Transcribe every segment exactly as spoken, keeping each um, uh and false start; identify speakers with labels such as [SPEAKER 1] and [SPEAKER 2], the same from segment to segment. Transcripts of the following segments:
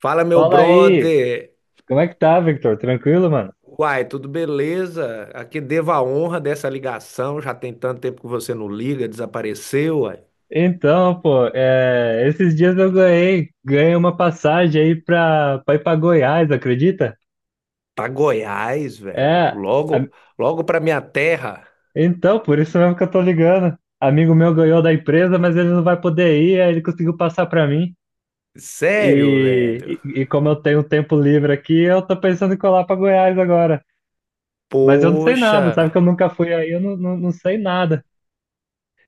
[SPEAKER 1] Fala, meu
[SPEAKER 2] Fala aí,
[SPEAKER 1] brother.
[SPEAKER 2] como é que tá, Victor? Tranquilo, mano?
[SPEAKER 1] Uai, tudo beleza? Aqui devo a honra dessa ligação. Já tem tanto tempo que você não liga, desapareceu, uai.
[SPEAKER 2] Então, pô, é, esses dias eu ganhei, ganhei uma passagem aí pra, pra ir pra Goiás, acredita?
[SPEAKER 1] Pra Goiás, velho.
[SPEAKER 2] É, a-
[SPEAKER 1] Logo, logo pra minha terra.
[SPEAKER 2] então, por isso mesmo que eu tô ligando. Amigo meu ganhou da empresa, mas ele não vai poder ir, aí ele conseguiu passar pra mim.
[SPEAKER 1] Sério, velho.
[SPEAKER 2] E, e, e como eu tenho tempo livre aqui, eu tô pensando em colar pra Goiás agora. Mas eu não sei
[SPEAKER 1] Poxa,
[SPEAKER 2] nada, sabe que eu nunca fui aí, eu não, não, não sei nada.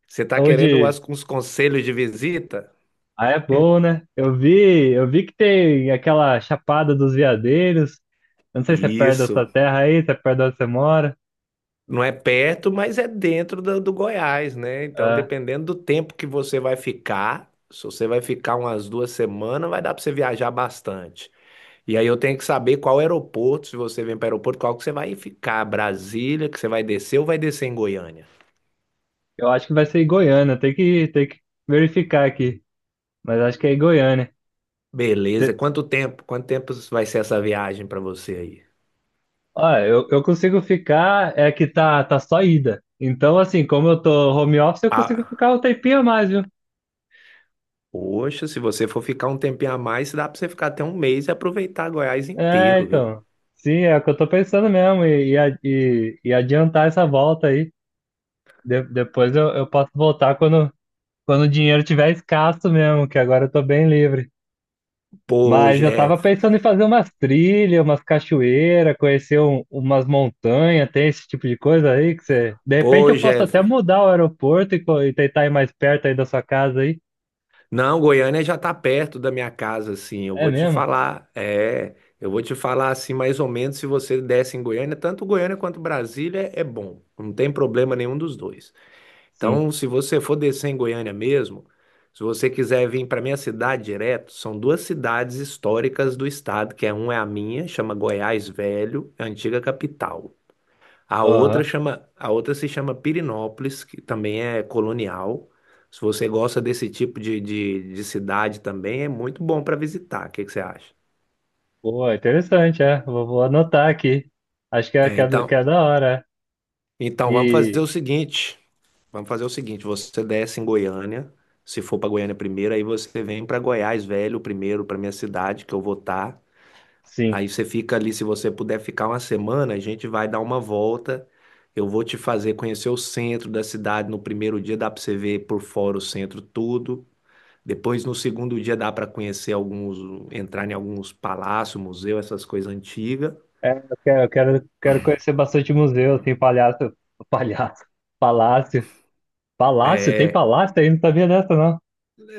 [SPEAKER 1] você tá querendo
[SPEAKER 2] Onde,
[SPEAKER 1] umas- uns conselhos de visita?
[SPEAKER 2] ah, é bom, né? Eu vi, eu vi que tem aquela Chapada dos Veadeiros. Eu não sei se é perto da sua
[SPEAKER 1] Isso.
[SPEAKER 2] terra aí, se é perto de onde você mora.
[SPEAKER 1] Não é perto, mas é dentro do, do Goiás, né? Então,
[SPEAKER 2] É,
[SPEAKER 1] dependendo do tempo que você vai ficar, se você vai ficar umas duas semanas, vai dar pra você viajar bastante. E aí eu tenho que saber qual aeroporto, se você vem para o aeroporto, qual que você vai ficar, Brasília, que você vai descer ou vai descer em Goiânia?
[SPEAKER 2] eu acho que vai ser em Goiânia, tem que, tem que verificar aqui. Mas acho que é em Goiânia. Você,
[SPEAKER 1] Beleza, quanto tempo? Quanto tempo vai ser essa viagem para você aí?
[SPEAKER 2] ó, eu, eu consigo ficar, é que tá, tá só ida. Então, assim, como eu tô home office, eu consigo
[SPEAKER 1] Ah,
[SPEAKER 2] ficar um tempinho a mais, viu?
[SPEAKER 1] poxa, se você for ficar um tempinho a mais, dá para você ficar até um mês e aproveitar Goiás
[SPEAKER 2] É,
[SPEAKER 1] inteiro, viu?
[SPEAKER 2] então. Sim, é o que eu tô pensando mesmo, e, e, a- e- e adiantar essa volta aí. De- depois eu, eu posso voltar quando. Quando o dinheiro tiver escasso mesmo, que agora eu tô bem livre.
[SPEAKER 1] Pô,
[SPEAKER 2] Mas eu tava
[SPEAKER 1] Jeff,
[SPEAKER 2] pensando em fazer umas trilhas, umas cachoeiras, conhecer um- umas montanhas, tem esse tipo de coisa aí que você. De repente
[SPEAKER 1] pô,
[SPEAKER 2] eu posso até
[SPEAKER 1] Jeff.
[SPEAKER 2] mudar o aeroporto e, co- e tentar ir mais perto aí da sua casa aí.
[SPEAKER 1] Não, Goiânia já tá perto da minha casa, assim. Eu
[SPEAKER 2] É
[SPEAKER 1] vou te
[SPEAKER 2] mesmo?
[SPEAKER 1] falar, é, eu vou te falar assim mais ou menos se você desce em Goiânia, tanto Goiânia quanto Brasília é bom. Não tem problema nenhum dos dois.
[SPEAKER 2] Sim.
[SPEAKER 1] Então, se você for descer em Goiânia mesmo, se você quiser vir para minha cidade direto, são duas cidades históricas do estado, que é uma é a minha, chama Goiás Velho, é a antiga capital. A outra
[SPEAKER 2] Aham.
[SPEAKER 1] chama, a outra se chama Pirinópolis que também é colonial. Se você gosta desse tipo de, de, de cidade também, é muito bom para visitar. O que que você acha?
[SPEAKER 2] Pô, é interessante, é. Vou, vou anotar aqui. Acho que é,
[SPEAKER 1] É,
[SPEAKER 2] que é, do- que
[SPEAKER 1] então,
[SPEAKER 2] é da hora. É.
[SPEAKER 1] então vamos fazer
[SPEAKER 2] E
[SPEAKER 1] o seguinte. Vamos fazer o seguinte, você desce em Goiânia, se for para Goiânia primeiro, aí você vem para Goiás Velho primeiro, para minha cidade, que eu vou estar.
[SPEAKER 2] sim.
[SPEAKER 1] Aí você fica ali, se você puder ficar uma semana, a gente vai dar uma volta. Eu vou te fazer conhecer o centro da cidade. No primeiro dia dá para você ver por fora o centro todo. Depois, no segundo dia, dá para conhecer alguns, entrar em alguns palácios, museu, essas coisas antigas.
[SPEAKER 2] É, eu quero, eu quero, quero conhecer bastante museu, assim, palhaço, palhaço, palácio. Palácio? Tem
[SPEAKER 1] É,
[SPEAKER 2] palácio? Aí não sabia dessa, não.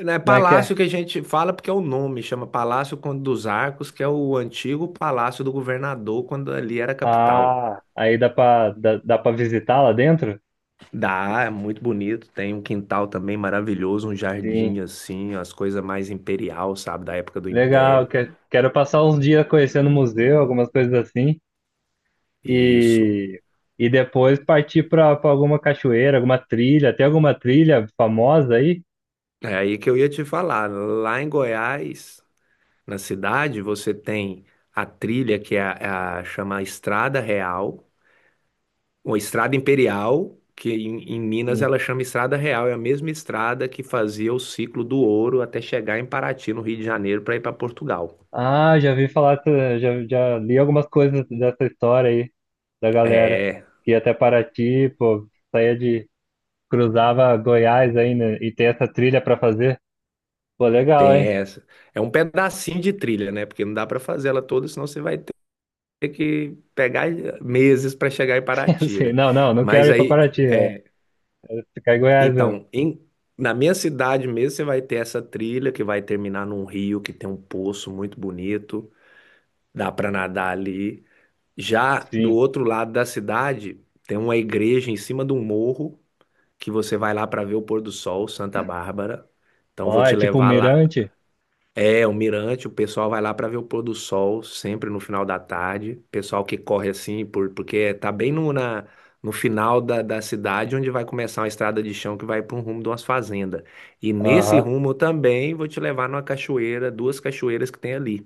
[SPEAKER 1] né,
[SPEAKER 2] Como é que é?
[SPEAKER 1] palácio que a gente fala porque é o nome, chama Palácio Conde dos Arcos, que é o antigo palácio do governador quando ali era capital.
[SPEAKER 2] Ah, aí dá pra, dá, dá pra visitar lá dentro?
[SPEAKER 1] Dá, é muito bonito. Tem um quintal também maravilhoso, um
[SPEAKER 2] Sim.
[SPEAKER 1] jardim assim, as coisas mais imperial, sabe, da época do
[SPEAKER 2] Legal.
[SPEAKER 1] Império.
[SPEAKER 2] que- Quero passar uns dias conhecendo o museu, algumas coisas assim.
[SPEAKER 1] Isso.
[SPEAKER 2] E, e depois partir pra, pra alguma cachoeira, alguma trilha. Tem alguma trilha famosa aí?
[SPEAKER 1] É aí que eu ia te falar. Lá em Goiás, na cidade, você tem a trilha que é a, é a- chama Estrada Real, ou Estrada Imperial, que em, em Minas
[SPEAKER 2] Sim.
[SPEAKER 1] ela chama Estrada Real. É a mesma estrada que fazia o ciclo do ouro até chegar em Paraty, no Rio de Janeiro, para ir para Portugal.
[SPEAKER 2] Ah, já vi falar, dessa- já, já li algumas coisas dessa história aí, da galera.
[SPEAKER 1] É.
[SPEAKER 2] Que ia até Paraty, pô, saía de. Cruzava Goiás aí, né? E tem essa trilha pra fazer. Pô, legal,
[SPEAKER 1] Tem
[SPEAKER 2] hein?
[SPEAKER 1] essa. É um pedacinho de trilha, né? Porque não dá para fazer ela toda, senão você vai ter que pegar eh, meses para chegar em Paraty,
[SPEAKER 2] Assim,
[SPEAKER 1] né?
[SPEAKER 2] não, não, não quero
[SPEAKER 1] Mas
[SPEAKER 2] ir pra
[SPEAKER 1] aí,
[SPEAKER 2] Paraty, é. Vou ficar em Goiás mesmo.
[SPEAKER 1] então, em- Na minha cidade mesmo, você vai ter essa trilha que vai terminar num rio que tem um poço muito bonito, dá para nadar ali. Já do
[SPEAKER 2] Sim.
[SPEAKER 1] outro lado da cidade, tem uma igreja em cima de um morro que você vai lá para ver o pôr do sol, Santa Bárbara. Então, vou
[SPEAKER 2] Ó, é
[SPEAKER 1] te
[SPEAKER 2] tipo um
[SPEAKER 1] levar lá.
[SPEAKER 2] mirante?
[SPEAKER 1] É, o mirante, o pessoal vai lá para ver o pôr do sol, sempre no final da tarde. Pessoal que corre assim, por, porque tá bem no, na, no final da, da cidade, onde vai começar uma estrada de chão que vai para um rumo de umas fazendas. E nesse
[SPEAKER 2] Aham.
[SPEAKER 1] rumo eu também vou te levar numa cachoeira, duas cachoeiras que tem ali.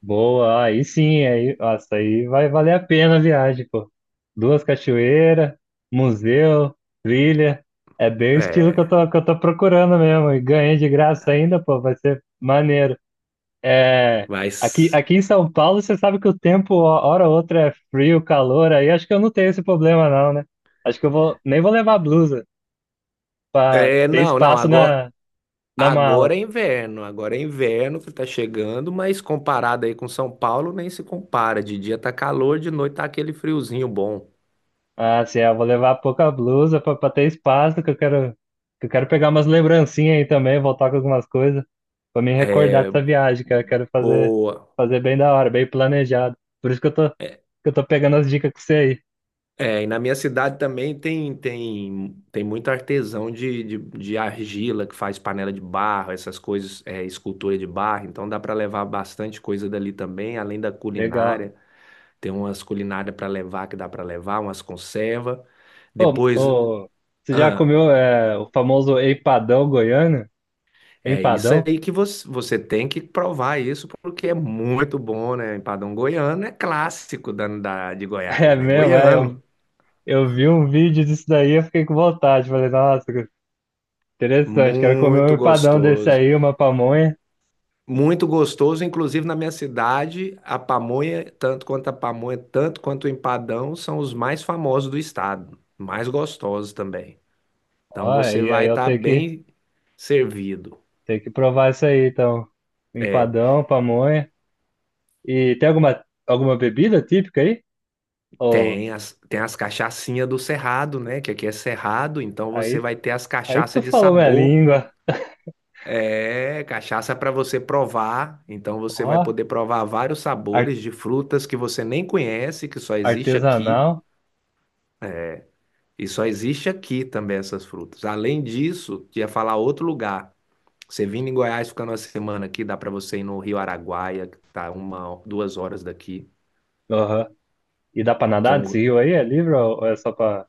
[SPEAKER 2] Boa, aí sim, aí, nossa, aí vai valer a pena a viagem, pô. Duas cachoeiras, museu, trilha. É bem o estilo que eu
[SPEAKER 1] É,
[SPEAKER 2] tô, que eu tô procurando mesmo. E ganhei de graça ainda, pô, vai ser maneiro. É, aqui,
[SPEAKER 1] mas.
[SPEAKER 2] aqui em São Paulo, você sabe que o tempo, ó, hora ou outra, é frio, calor, aí acho que eu não tenho esse problema, não, né? Acho que eu vou, nem vou levar blusa pra
[SPEAKER 1] É,
[SPEAKER 2] ter
[SPEAKER 1] não, não,
[SPEAKER 2] espaço
[SPEAKER 1] agora,
[SPEAKER 2] na, na
[SPEAKER 1] agora
[SPEAKER 2] mala.
[SPEAKER 1] é inverno, agora é inverno que tá chegando, mas comparado aí com São Paulo, nem se compara. De dia tá calor, de noite tá aquele friozinho bom.
[SPEAKER 2] Ah, assim, eu vou levar pouca blusa pra, pra ter espaço, que eu quero, que eu quero pegar umas lembrancinhas aí também, voltar com algumas coisas, pra me recordar dessa viagem, que eu quero fazer,
[SPEAKER 1] Boa.
[SPEAKER 2] fazer bem da hora, bem planejado. Por isso que eu tô, que
[SPEAKER 1] É,
[SPEAKER 2] eu tô pegando as dicas com você aí.
[SPEAKER 1] é, e na minha cidade também tem tem, tem muito artesão de, de, de argila que faz panela de barro, essas coisas, é, escultura de barro. Então dá para levar bastante coisa dali também, além da
[SPEAKER 2] Legal.
[SPEAKER 1] culinária. Tem umas culinárias para levar que dá para levar, umas conserva.
[SPEAKER 2] Ô,
[SPEAKER 1] Depois,
[SPEAKER 2] ô, você já
[SPEAKER 1] ah,
[SPEAKER 2] comeu é, o famoso empadão goiano?
[SPEAKER 1] é isso
[SPEAKER 2] Empadão?
[SPEAKER 1] aí que você, você tem que provar isso porque é muito bom, né? Empadão goiano é clássico da, da- de
[SPEAKER 2] É
[SPEAKER 1] Goiás, né?
[SPEAKER 2] mesmo, é, eu,
[SPEAKER 1] Goiano,
[SPEAKER 2] eu vi um vídeo disso daí, eu fiquei com vontade, falei, nossa, interessante, quero comer um
[SPEAKER 1] muito
[SPEAKER 2] empadão desse
[SPEAKER 1] gostoso.
[SPEAKER 2] aí, uma pamonha.
[SPEAKER 1] Muito gostoso, inclusive na minha cidade, a pamonha, tanto quanto a pamonha, tanto quanto o empadão, são os mais famosos do estado, mais gostosos também. Então
[SPEAKER 2] Ó,
[SPEAKER 1] você
[SPEAKER 2] e aí
[SPEAKER 1] vai
[SPEAKER 2] eu
[SPEAKER 1] estar
[SPEAKER 2] tenho que,
[SPEAKER 1] bem servido.
[SPEAKER 2] tenho que provar isso aí, então.
[SPEAKER 1] É,
[SPEAKER 2] Empadão, pamonha. E tem alguma, alguma bebida típica aí? Ou
[SPEAKER 1] tem as, tem as cachaçinhas do Cerrado, né? Que aqui é Cerrado, então você
[SPEAKER 2] aí,
[SPEAKER 1] vai ter as
[SPEAKER 2] aí tu
[SPEAKER 1] cachaças de
[SPEAKER 2] falou minha
[SPEAKER 1] sabor.
[SPEAKER 2] língua.
[SPEAKER 1] É, cachaça para você provar. Então você
[SPEAKER 2] Ó,
[SPEAKER 1] vai poder provar vários
[SPEAKER 2] ar-
[SPEAKER 1] sabores de frutas que você nem conhece, que só existe aqui.
[SPEAKER 2] artesanal.
[SPEAKER 1] E só existe aqui também essas frutas. Além disso, ia falar outro lugar. Você vindo em Goiás, ficando uma semana aqui, dá para você ir no Rio Araguaia, que tá uma, duas horas daqui,
[SPEAKER 2] Aham. E dá pra
[SPEAKER 1] que é
[SPEAKER 2] nadar desse
[SPEAKER 1] um,
[SPEAKER 2] rio aí? É livre ou ou é só pra,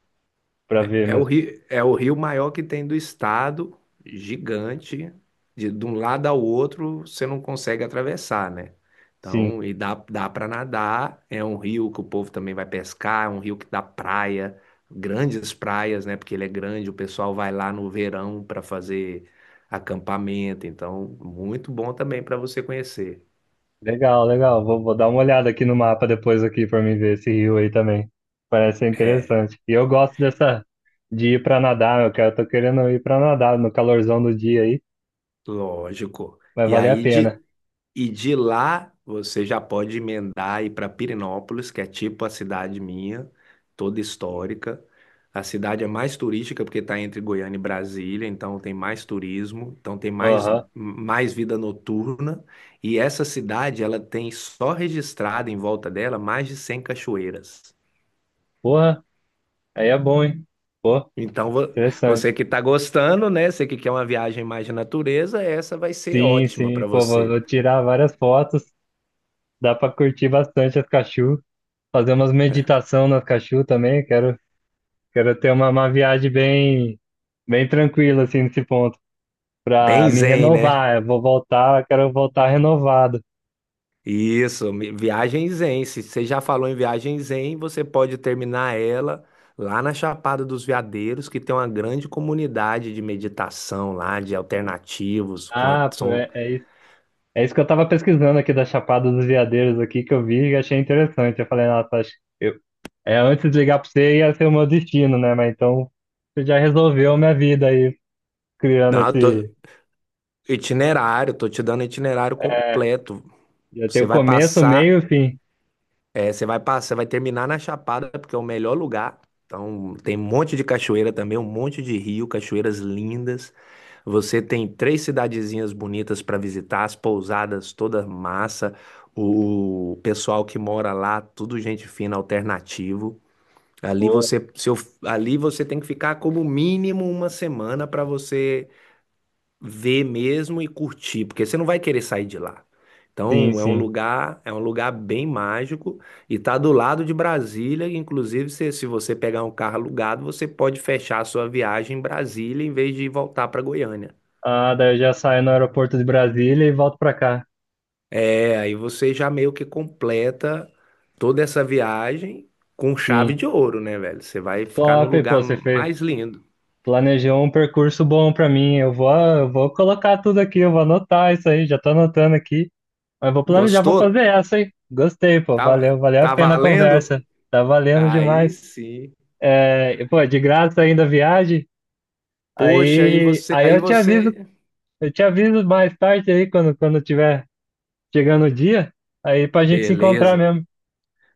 [SPEAKER 2] pra ver
[SPEAKER 1] é o
[SPEAKER 2] mesmo?
[SPEAKER 1] rio, é o rio maior que tem do estado, gigante, de, de um lado ao outro você não consegue atravessar, né?
[SPEAKER 2] Sim.
[SPEAKER 1] Então, e dá, dá para nadar, é um rio que o povo também vai pescar, é um rio que dá praia, grandes praias, né? Porque ele é grande, o pessoal vai lá no verão para fazer acampamento, então muito bom também para você conhecer.
[SPEAKER 2] Legal, legal. Vou, vou dar uma olhada aqui no mapa depois aqui para mim ver esse rio aí também. Parece ser
[SPEAKER 1] É,
[SPEAKER 2] interessante. E eu gosto dessa de ir para nadar, eu quero, tô querendo ir para nadar no calorzão do dia aí,
[SPEAKER 1] lógico.
[SPEAKER 2] vai
[SPEAKER 1] E
[SPEAKER 2] valer a
[SPEAKER 1] aí
[SPEAKER 2] pena.
[SPEAKER 1] de, E de lá você já pode emendar e ir para Pirenópolis, que é tipo a cidade minha, toda histórica. A cidade é mais turística porque está entre Goiânia e Brasília, então tem mais turismo, então tem mais,
[SPEAKER 2] Aham.
[SPEAKER 1] mais vida noturna. E essa cidade, ela tem só registrada em volta dela mais de cem cachoeiras.
[SPEAKER 2] Porra, aí é bom, hein? Pô,
[SPEAKER 1] Então vo-
[SPEAKER 2] interessante.
[SPEAKER 1] Você que está gostando, né? Você que quer uma viagem mais de natureza, essa vai ser
[SPEAKER 2] Sim,
[SPEAKER 1] ótima
[SPEAKER 2] sim.
[SPEAKER 1] para
[SPEAKER 2] Pô, vou,
[SPEAKER 1] você.
[SPEAKER 2] vou tirar várias fotos. Dá para curtir bastante as cachorro, fazer umas meditação nas cachorro também. Quero, quero ter uma, uma viagem bem, bem tranquila assim nesse ponto, para
[SPEAKER 1] Bem
[SPEAKER 2] me
[SPEAKER 1] zen, né?
[SPEAKER 2] renovar. Eu vou voltar, quero voltar renovado.
[SPEAKER 1] Isso, mi- viagem zen. Se você já falou em viagem zen, você pode terminar ela lá na Chapada dos Veadeiros, que tem uma grande comunidade de meditação lá, de alternativos.
[SPEAKER 2] Ah,
[SPEAKER 1] Quanto
[SPEAKER 2] pô,
[SPEAKER 1] são...
[SPEAKER 2] é, é isso. É isso que eu tava pesquisando aqui da Chapada dos Veadeiros aqui, que eu vi e achei interessante. Eu falei, nossa, acho que eu... é, antes de ligar pra você ia ser o meu destino, né? Mas então você já resolveu minha vida aí, criando
[SPEAKER 1] Não, eu tô-
[SPEAKER 2] esse.
[SPEAKER 1] itinerário, tô te dando itinerário
[SPEAKER 2] É,
[SPEAKER 1] completo.
[SPEAKER 2] já tem
[SPEAKER 1] Você
[SPEAKER 2] o
[SPEAKER 1] vai
[SPEAKER 2] começo, o meio
[SPEAKER 1] passar
[SPEAKER 2] e o fim.
[SPEAKER 1] É, você vai passar, vai terminar na Chapada, porque é o melhor lugar. Então, tem um monte de cachoeira também, um monte de rio, cachoeiras lindas. Você tem três cidadezinhas bonitas para visitar, as pousadas toda massa, o pessoal que mora lá, tudo gente fina, alternativo. Ali
[SPEAKER 2] Boa.
[SPEAKER 1] você, seu, ali você tem que ficar como mínimo uma semana para você ver mesmo e curtir, porque você não vai querer sair de lá.
[SPEAKER 2] Sim,
[SPEAKER 1] Então, é um
[SPEAKER 2] sim.
[SPEAKER 1] lugar, é um lugar bem mágico e tá do lado de Brasília, e, inclusive se, se você pegar um carro alugado, você pode fechar a sua viagem em Brasília em vez de voltar para Goiânia.
[SPEAKER 2] Ah, daí eu já saio no aeroporto de Brasília e volto pra cá.
[SPEAKER 1] É, aí você já meio que completa toda essa viagem com chave
[SPEAKER 2] Sim.
[SPEAKER 1] de ouro, né, velho? Você vai ficar no
[SPEAKER 2] Top, pô,
[SPEAKER 1] lugar
[SPEAKER 2] você fez,
[SPEAKER 1] mais lindo.
[SPEAKER 2] planejou um percurso bom pra mim. Eu vou, eu vou colocar tudo aqui, eu vou anotar isso aí, já tô anotando aqui. Mas vou planejar, vou
[SPEAKER 1] Gostou?
[SPEAKER 2] fazer essa, hein? Gostei, pô.
[SPEAKER 1] Tá,
[SPEAKER 2] Valeu, valeu a
[SPEAKER 1] tá
[SPEAKER 2] pena a
[SPEAKER 1] valendo?
[SPEAKER 2] conversa. Tá valendo
[SPEAKER 1] Aí
[SPEAKER 2] demais.
[SPEAKER 1] sim.
[SPEAKER 2] É, pô, de graça ainda a viagem.
[SPEAKER 1] Poxa, aí
[SPEAKER 2] Aí,
[SPEAKER 1] você,
[SPEAKER 2] aí
[SPEAKER 1] aí
[SPEAKER 2] eu te aviso,
[SPEAKER 1] você,
[SPEAKER 2] eu te aviso mais tarde aí quando quando tiver chegando o dia, aí pra gente se encontrar
[SPEAKER 1] beleza.
[SPEAKER 2] mesmo.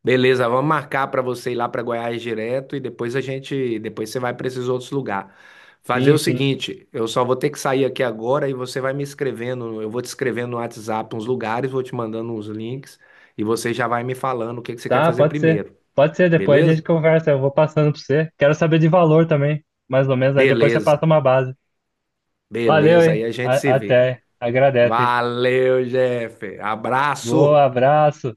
[SPEAKER 1] Beleza, vamos marcar para você ir lá para Goiás direto e depois a gente, depois você vai para esses outros lugares. Fazer
[SPEAKER 2] Sim,
[SPEAKER 1] o
[SPEAKER 2] sim.
[SPEAKER 1] seguinte, eu só vou ter que sair aqui agora e você vai me escrevendo, eu vou te escrevendo no WhatsApp uns lugares, vou te mandando uns links e você já vai me falando o que que você quer
[SPEAKER 2] Tá,
[SPEAKER 1] fazer
[SPEAKER 2] pode ser.
[SPEAKER 1] primeiro,
[SPEAKER 2] Pode ser, depois a gente
[SPEAKER 1] beleza?
[SPEAKER 2] conversa, eu vou passando pra você. Quero saber de valor também, mais ou menos, aí depois você
[SPEAKER 1] Beleza,
[SPEAKER 2] passa uma base. Valeu,
[SPEAKER 1] beleza, aí
[SPEAKER 2] hein?
[SPEAKER 1] a gente
[SPEAKER 2] A-
[SPEAKER 1] se vê.
[SPEAKER 2] até. Agradece.
[SPEAKER 1] Valeu, Jeff.
[SPEAKER 2] Boa,
[SPEAKER 1] Abraço.
[SPEAKER 2] abraço.